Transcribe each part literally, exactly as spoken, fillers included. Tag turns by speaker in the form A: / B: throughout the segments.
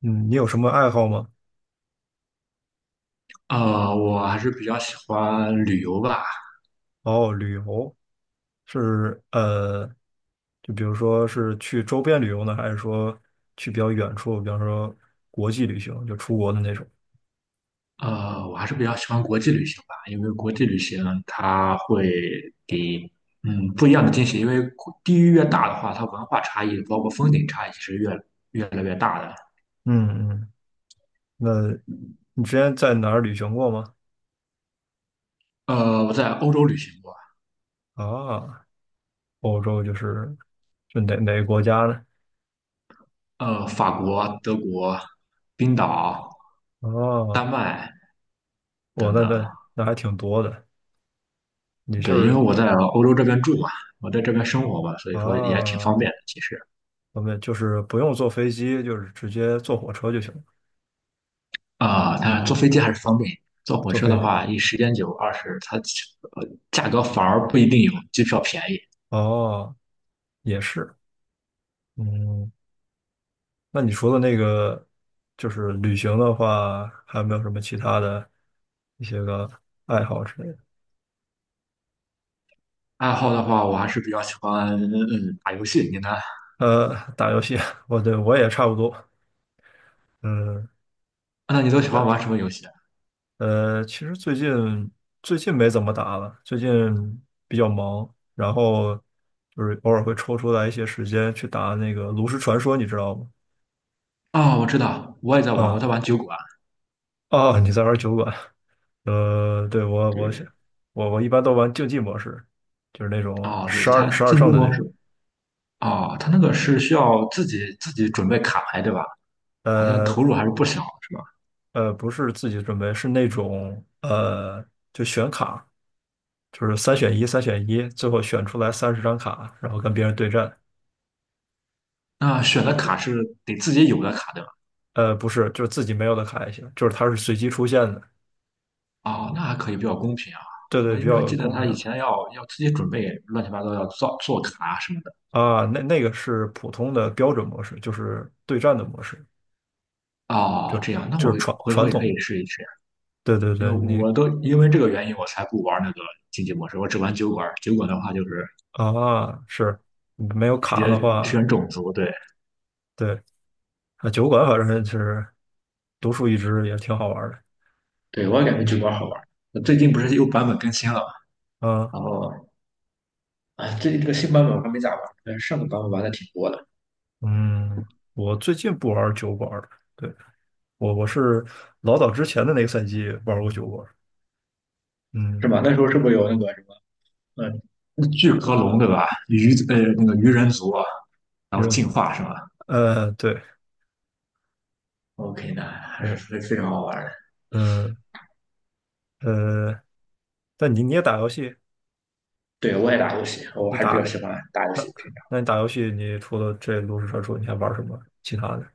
A: 嗯，你有什么爱好吗？
B: 呃，我还是比较喜欢旅游吧，
A: 哦，旅游是呃，就比如说是去周边旅游呢，还是说去比较远处，比方说国际旅行，就出国的那种？
B: 呃，我还是比较喜欢国际旅行吧，因为国际旅行它会给嗯不一样的惊喜，因为地域越大的话，它文化差异包括风景差异是越越来越大的。
A: 嗯嗯，那你之前在哪儿旅行过吗？
B: 呃，我在欧洲旅行过，
A: 啊，欧洲就是就哪哪个国家呢？
B: 呃，法国、德国、冰岛、丹
A: 哦，
B: 麦
A: 我
B: 等
A: 那
B: 等，
A: 那那还挺多的。你就
B: 对，因为
A: 是。
B: 我在欧洲这边住嘛，我在这边生活嘛，所以说也挺方
A: 啊，
B: 便的，其实。
A: 我们就是不用坐飞机，就是直接坐火车就行了，
B: 啊，它坐飞机还是方便，坐火
A: 坐
B: 车
A: 飞
B: 的
A: 机。
B: 话，一时间久，二是它呃价格反而不一定有机票便宜。
A: 哦，也是。嗯，那你除了那个，就是旅行的话，还有没有什么其他的一些个爱好之类的？
B: 爱好的话，我还是比较喜欢嗯嗯打游戏。你呢？啊
A: 呃，打游戏，我对我也差不多。嗯，
B: 那你都喜欢
A: 但
B: 玩什么游戏啊？
A: 呃，其实最近最近没怎么打了，最近比较忙，然后就是偶尔会抽出来一些时间去打那个炉石传说，你知道吗？
B: 啊，我知道，我也在玩，我
A: 啊、
B: 在玩酒馆。
A: 哦，你在玩酒馆？呃，对，我我想
B: 对，
A: 我我一般都玩竞技模式。就是那种
B: 哦，对，
A: 十二
B: 它
A: 十二
B: 竞技
A: 胜的那
B: 模
A: 种。
B: 式，哦，它那个是需要自己自己准备卡牌，对吧？好像投
A: 呃
B: 入还是不小，是吧？
A: 呃，不是自己准备，是那种呃，就选卡，就是三选一，三选一，最后选出来三十张卡，然后跟别人对战。
B: 那选的
A: 对，
B: 卡是得自己有的卡，对吧？
A: 呃，不是，就是自己没有的卡也行，就是它是随机出现的。
B: 哦，那还可以比较公平啊。
A: 对对，
B: 我
A: 比
B: 因为我
A: 较
B: 记得
A: 公
B: 他
A: 平
B: 以前要要自己准备乱七八糟要造做卡什么的。
A: 啊。那那个是普通的标准模式，就是对战的模式，
B: 哦，这样，那
A: 就是
B: 我
A: 传
B: 回头
A: 传
B: 也可
A: 统。
B: 以试一试，
A: 对对
B: 因
A: 对，
B: 为
A: 你
B: 我都因为这个原因我才不玩那个竞技模式，我只玩酒馆。酒馆的话就是
A: 啊是没有
B: 直接
A: 卡的
B: 选
A: 话，
B: 种族，对
A: 对啊，酒馆反正就是独树一帜，也挺好玩的。
B: 对，我也感觉酒
A: 嗯
B: 馆好玩。最近不是又版本更新了嘛，
A: 啊。
B: 然后哎，最近这个新版本我还没咋玩，但是上个版本玩的挺多的，
A: 嗯，我最近不玩酒馆二了。对，我我是老早之前的那个赛季玩过酒馆二。
B: 是
A: 嗯，
B: 吧？那时候是不是有那个什么，嗯，巨壳龙对吧？鱼呃那个鱼人族，然
A: 因
B: 后
A: 为
B: 进化是吧？
A: 呃，对
B: OK，那还是
A: 对，
B: 非非常好玩的。
A: 嗯呃，但你你也打游戏，
B: 对，我也打游戏，我
A: 你
B: 还是比较
A: 打
B: 喜欢打游
A: 那
B: 戏。平
A: 那你打游戏，你除了这炉石传说，你还玩什么其他的？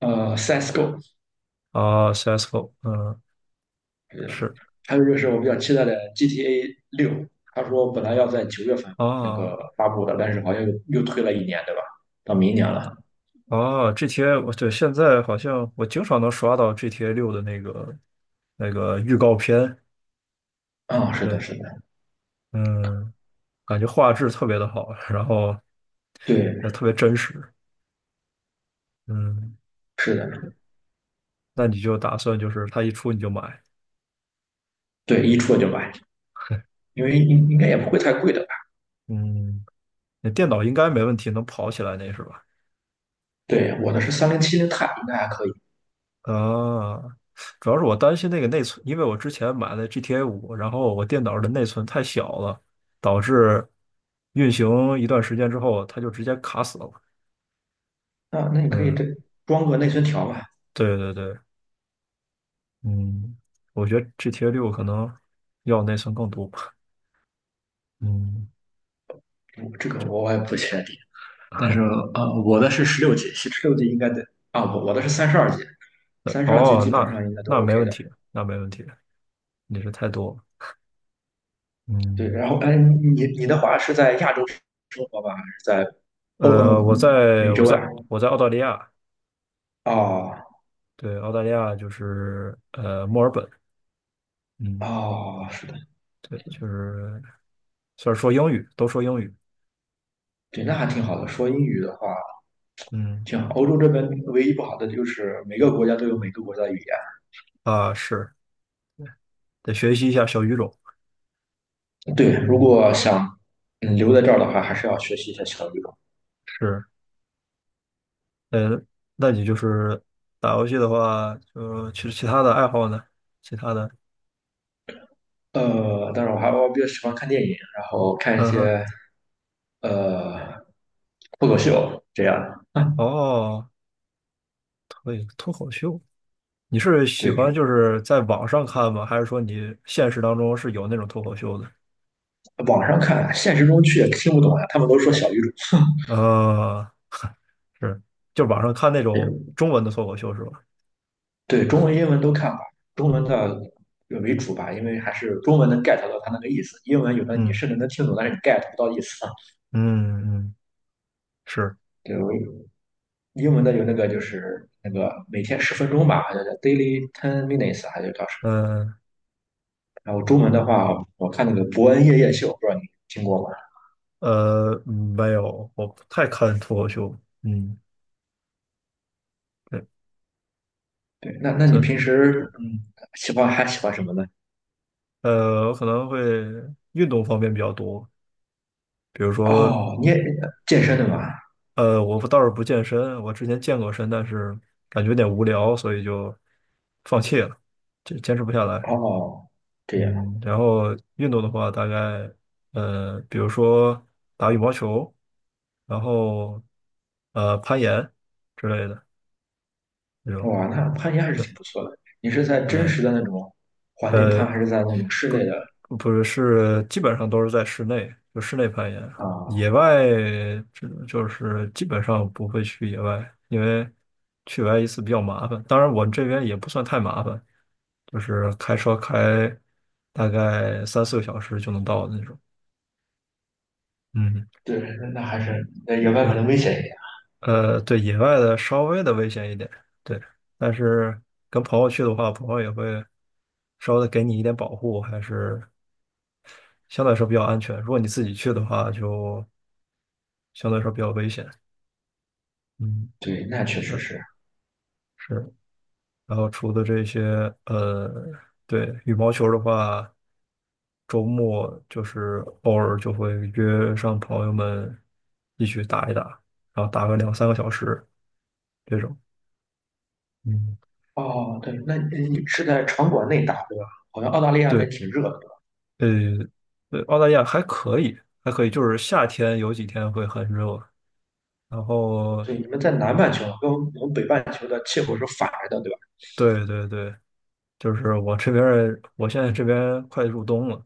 B: 常，呃，C S:G O，
A: 啊，C S go，嗯，
B: 对，
A: 是
B: 还有就是我比较期待的 G T A 六，他说本来要在九月份那个
A: 啊
B: 发布的，但是好像又又推了一年，对吧？到明年了。
A: 啊，GTA，我对现在好像我经常能刷到 GTA 六的那个那个预告片。
B: 啊，是的，
A: 对，
B: 是的，
A: 嗯。感觉画质特别的好，然后
B: 对，
A: 呃特别真实。嗯，
B: 是的，
A: 那你就打算就是它一出你就买？
B: 对，一出了就买，因为应应该也不会太贵的吧？
A: 嗯，那电脑应该没问题，能跑起来那是吧？
B: 对，我的是三零七零钛，应该还可以。
A: 啊，主要是我担心那个内存，因为我之前买了 G T A 五，然后我电脑的内存太小了，导致运行一段时间之后，它就直接卡死了。
B: 啊，那你可以
A: 嗯，
B: 这装个内存条吧？
A: 对对对，嗯，我觉得 GTA 六可能要内存更多吧。嗯。
B: 我这个我也不确定。但是呃，我的是十六级，十六级应该得啊，我我的是三十二级，
A: 呃
B: 三十二级
A: 哦，
B: 基本上
A: 那
B: 应该都
A: 那没
B: OK
A: 问
B: 的。
A: 题，那没问题，你是太多了。
B: 对，
A: 嗯，
B: 然后哎，你你的话是在亚洲生活吧，还是在欧
A: 呃，
B: 呃
A: 我在
B: 美
A: 我
B: 洲呀？
A: 在我在澳大利亚，
B: 哦
A: 对，澳大利亚就是呃墨尔本，嗯，
B: 哦，是的，
A: 对，就是虽然说英语，都说英语，
B: 对，那还挺好的。说英语的话，
A: 嗯
B: 挺好。欧洲这边唯一不好的就是每个国家都有每个国家的语言。
A: 啊是得学习一下小语种，
B: 对，如
A: 嗯
B: 果想嗯留在这儿的话，还是要学习一下小语种。
A: 是，呃，那你就是打游戏的话，就其实其他的爱好呢？其他的，
B: 呃，当然我还我比较喜欢看电影，然后看一
A: 嗯哼，
B: 些呃脱口秀这样的。
A: 哦，脱脱口秀，你是喜欢
B: 对，
A: 就是在网上看吗？还是说你现实当中是有那种脱口秀的？
B: 网上看，现实中去也听不懂呀，他们都说小语种。
A: 呃，是，就网上看那
B: 也
A: 种中文的脱口秀是吧？
B: 对，对中文、英文都看吧，中文的为主吧，因为还是中文能 get 到它那个意思，英文有的你
A: 嗯
B: 甚至能听懂，但是你 get 不到意思啊。
A: 嗯嗯，是，
B: 对，我英文的有那个就是那个每天十分钟吧，好像叫 daily ten minutes，还是叫什么？
A: 嗯
B: 然后中文的话，我看那个《伯恩夜夜秀》，不知道你听过吗？
A: 呃，嗯没有，我不太看脱口秀。嗯，对，
B: 对，那那你
A: 这
B: 平时嗯喜欢还喜欢什么呢？
A: 呃，我可能会运动方面比较多，比如说
B: 哦，你也健身的嘛？
A: 呃，我不倒是不健身，我之前健过身，但是感觉有点无聊，所以就放弃了，这坚持不下来。
B: 哦，这样，
A: 嗯，然后运动的话，大概呃，比如说打羽毛球，然后呃攀岩之类的那种，
B: 哇，那攀岩还是挺不错的。你是在真
A: 嗯
B: 实的那种环境攀，
A: 呃，
B: 还是在那种室内的
A: 呃不是，是基本上都是在室内，就室内攀岩，
B: 啊？
A: 野外这就是基本上不会去野外，因为去野外一次比较麻烦。当然，我这边也不算太麻烦，就是开车开大概三四个小时就能到的那种。嗯。
B: 对，那那还是那野外可
A: 嗯，
B: 能危险一点。
A: 呃，对，野外的稍微的危险一点，对，但是跟朋友去的话，朋友也会稍微的给你一点保护，还是相对来说比较安全。如果你自己去的话，就相对来说比较危险。嗯
B: 对，那确实
A: 嗯，
B: 是。
A: 是。然后除了这些，呃，对，羽毛球的话，周末就是偶尔就会约上朋友们一起打一打，然后打个两三个小时这种。嗯。
B: 哦，对，那你你是在场馆内打对吧？好像澳大利亚那
A: 对，
B: 挺热的，对吧？
A: 呃呃，澳大利亚还可以，还可以，就是夏天有几天会很热，然后
B: 对，你们在南半球跟我们北半球的气候是反着的，对吧？
A: 对对对，就是我这边儿我现在这边快入冬了，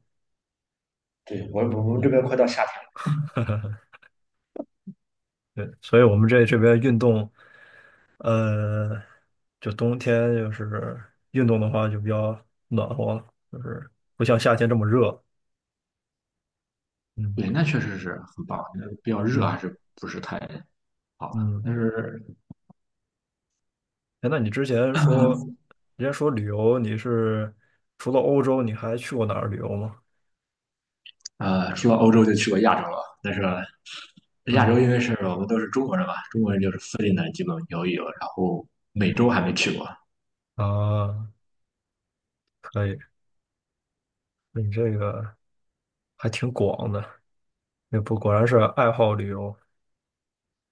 B: 对，我我们这
A: 嗯，
B: 边快到夏天了。
A: 对，所以我们这这边运动，呃，就冬天就是运动的话就比较暖和了，就是不像夏天这么热，嗯
B: 对，那确实是很棒，那比较热
A: 嗯
B: 还是不是太好。
A: 嗯，
B: 但是，
A: 哎，那你之前说，
B: 嗯
A: 人家说旅游，你是除了欧洲，你还去过哪儿旅游吗？
B: 呃，说到欧洲就去过亚洲了，但是亚洲
A: 嗯。
B: 因为是我们都是中国人嘛，中国人就是附近的基本游一游，然后美洲还没去过，
A: 啊，可以，你这个还挺广的，也不果然是爱好旅游。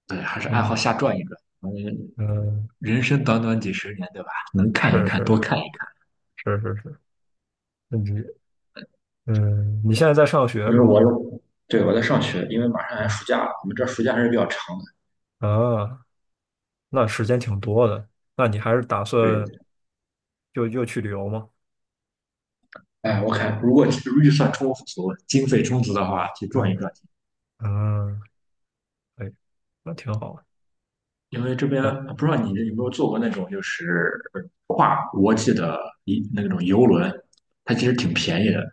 B: 对，还是爱好
A: 嗯
B: 瞎转一转。反
A: 嗯，
B: 人生短短几十年，对吧？能看一
A: 是
B: 看，
A: 是
B: 多看一看。
A: 是是是，那你嗯，你现在在上学
B: 因为
A: 是
B: 我
A: 吗？
B: 有，对，我在上学，因为马上要
A: 嗯
B: 暑假了，我们这暑假还是比较长的。
A: 啊，那时间挺多的，那你还是打
B: 对，
A: 算就又去旅游吗？
B: 哎，我看如果预算充足、经费充足的话，去转一
A: 嗯
B: 转。
A: 嗯，可以，那挺好。
B: 因为这边
A: 嗯
B: 不知道你有没有坐过那种就是跨国际的一那种游轮，它其实挺便宜的，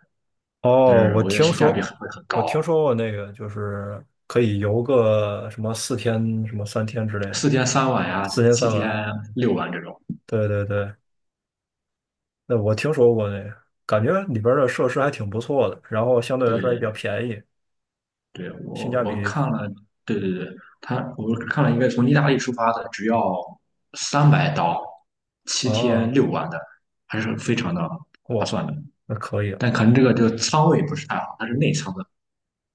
B: 但
A: 哦，
B: 是
A: 我
B: 我觉得
A: 听
B: 性价比
A: 说
B: 很会很
A: 我
B: 高，
A: 听说过那个，就是可以游个什么四天、什么三天之类
B: 四
A: 的，
B: 天三晚呀，
A: 四天
B: 七
A: 三
B: 天
A: 晚。
B: 六晚这种。
A: 对对对，那我听说过那个，感觉里边儿的设施还挺不错的，然后相对来说也比较
B: 对
A: 便宜，
B: 对，
A: 性
B: 我
A: 价
B: 我
A: 比
B: 看了，对对对，他我看了一个从意大利出发的，只要三百刀，七天
A: 哦，
B: 六晚的，还是非常的划
A: 哇，
B: 算的。
A: 那可以了。
B: 但可能这个就仓位不是太好，它是内仓的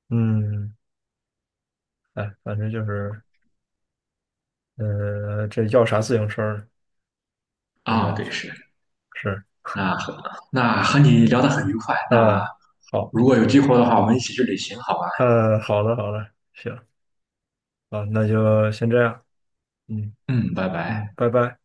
A: 嗯，哎，反正就是，呃，这要啥自行车呢？就
B: 啊，
A: 是
B: 对，是。
A: 是，
B: 那和那和你聊得很愉快，那
A: 嗯，好，
B: 如果有机会的话，我们一起去旅行，好吧？
A: 嗯，好的，好的，行，啊，那就先这样，嗯
B: 嗯，拜
A: 嗯，
B: 拜。
A: 拜拜。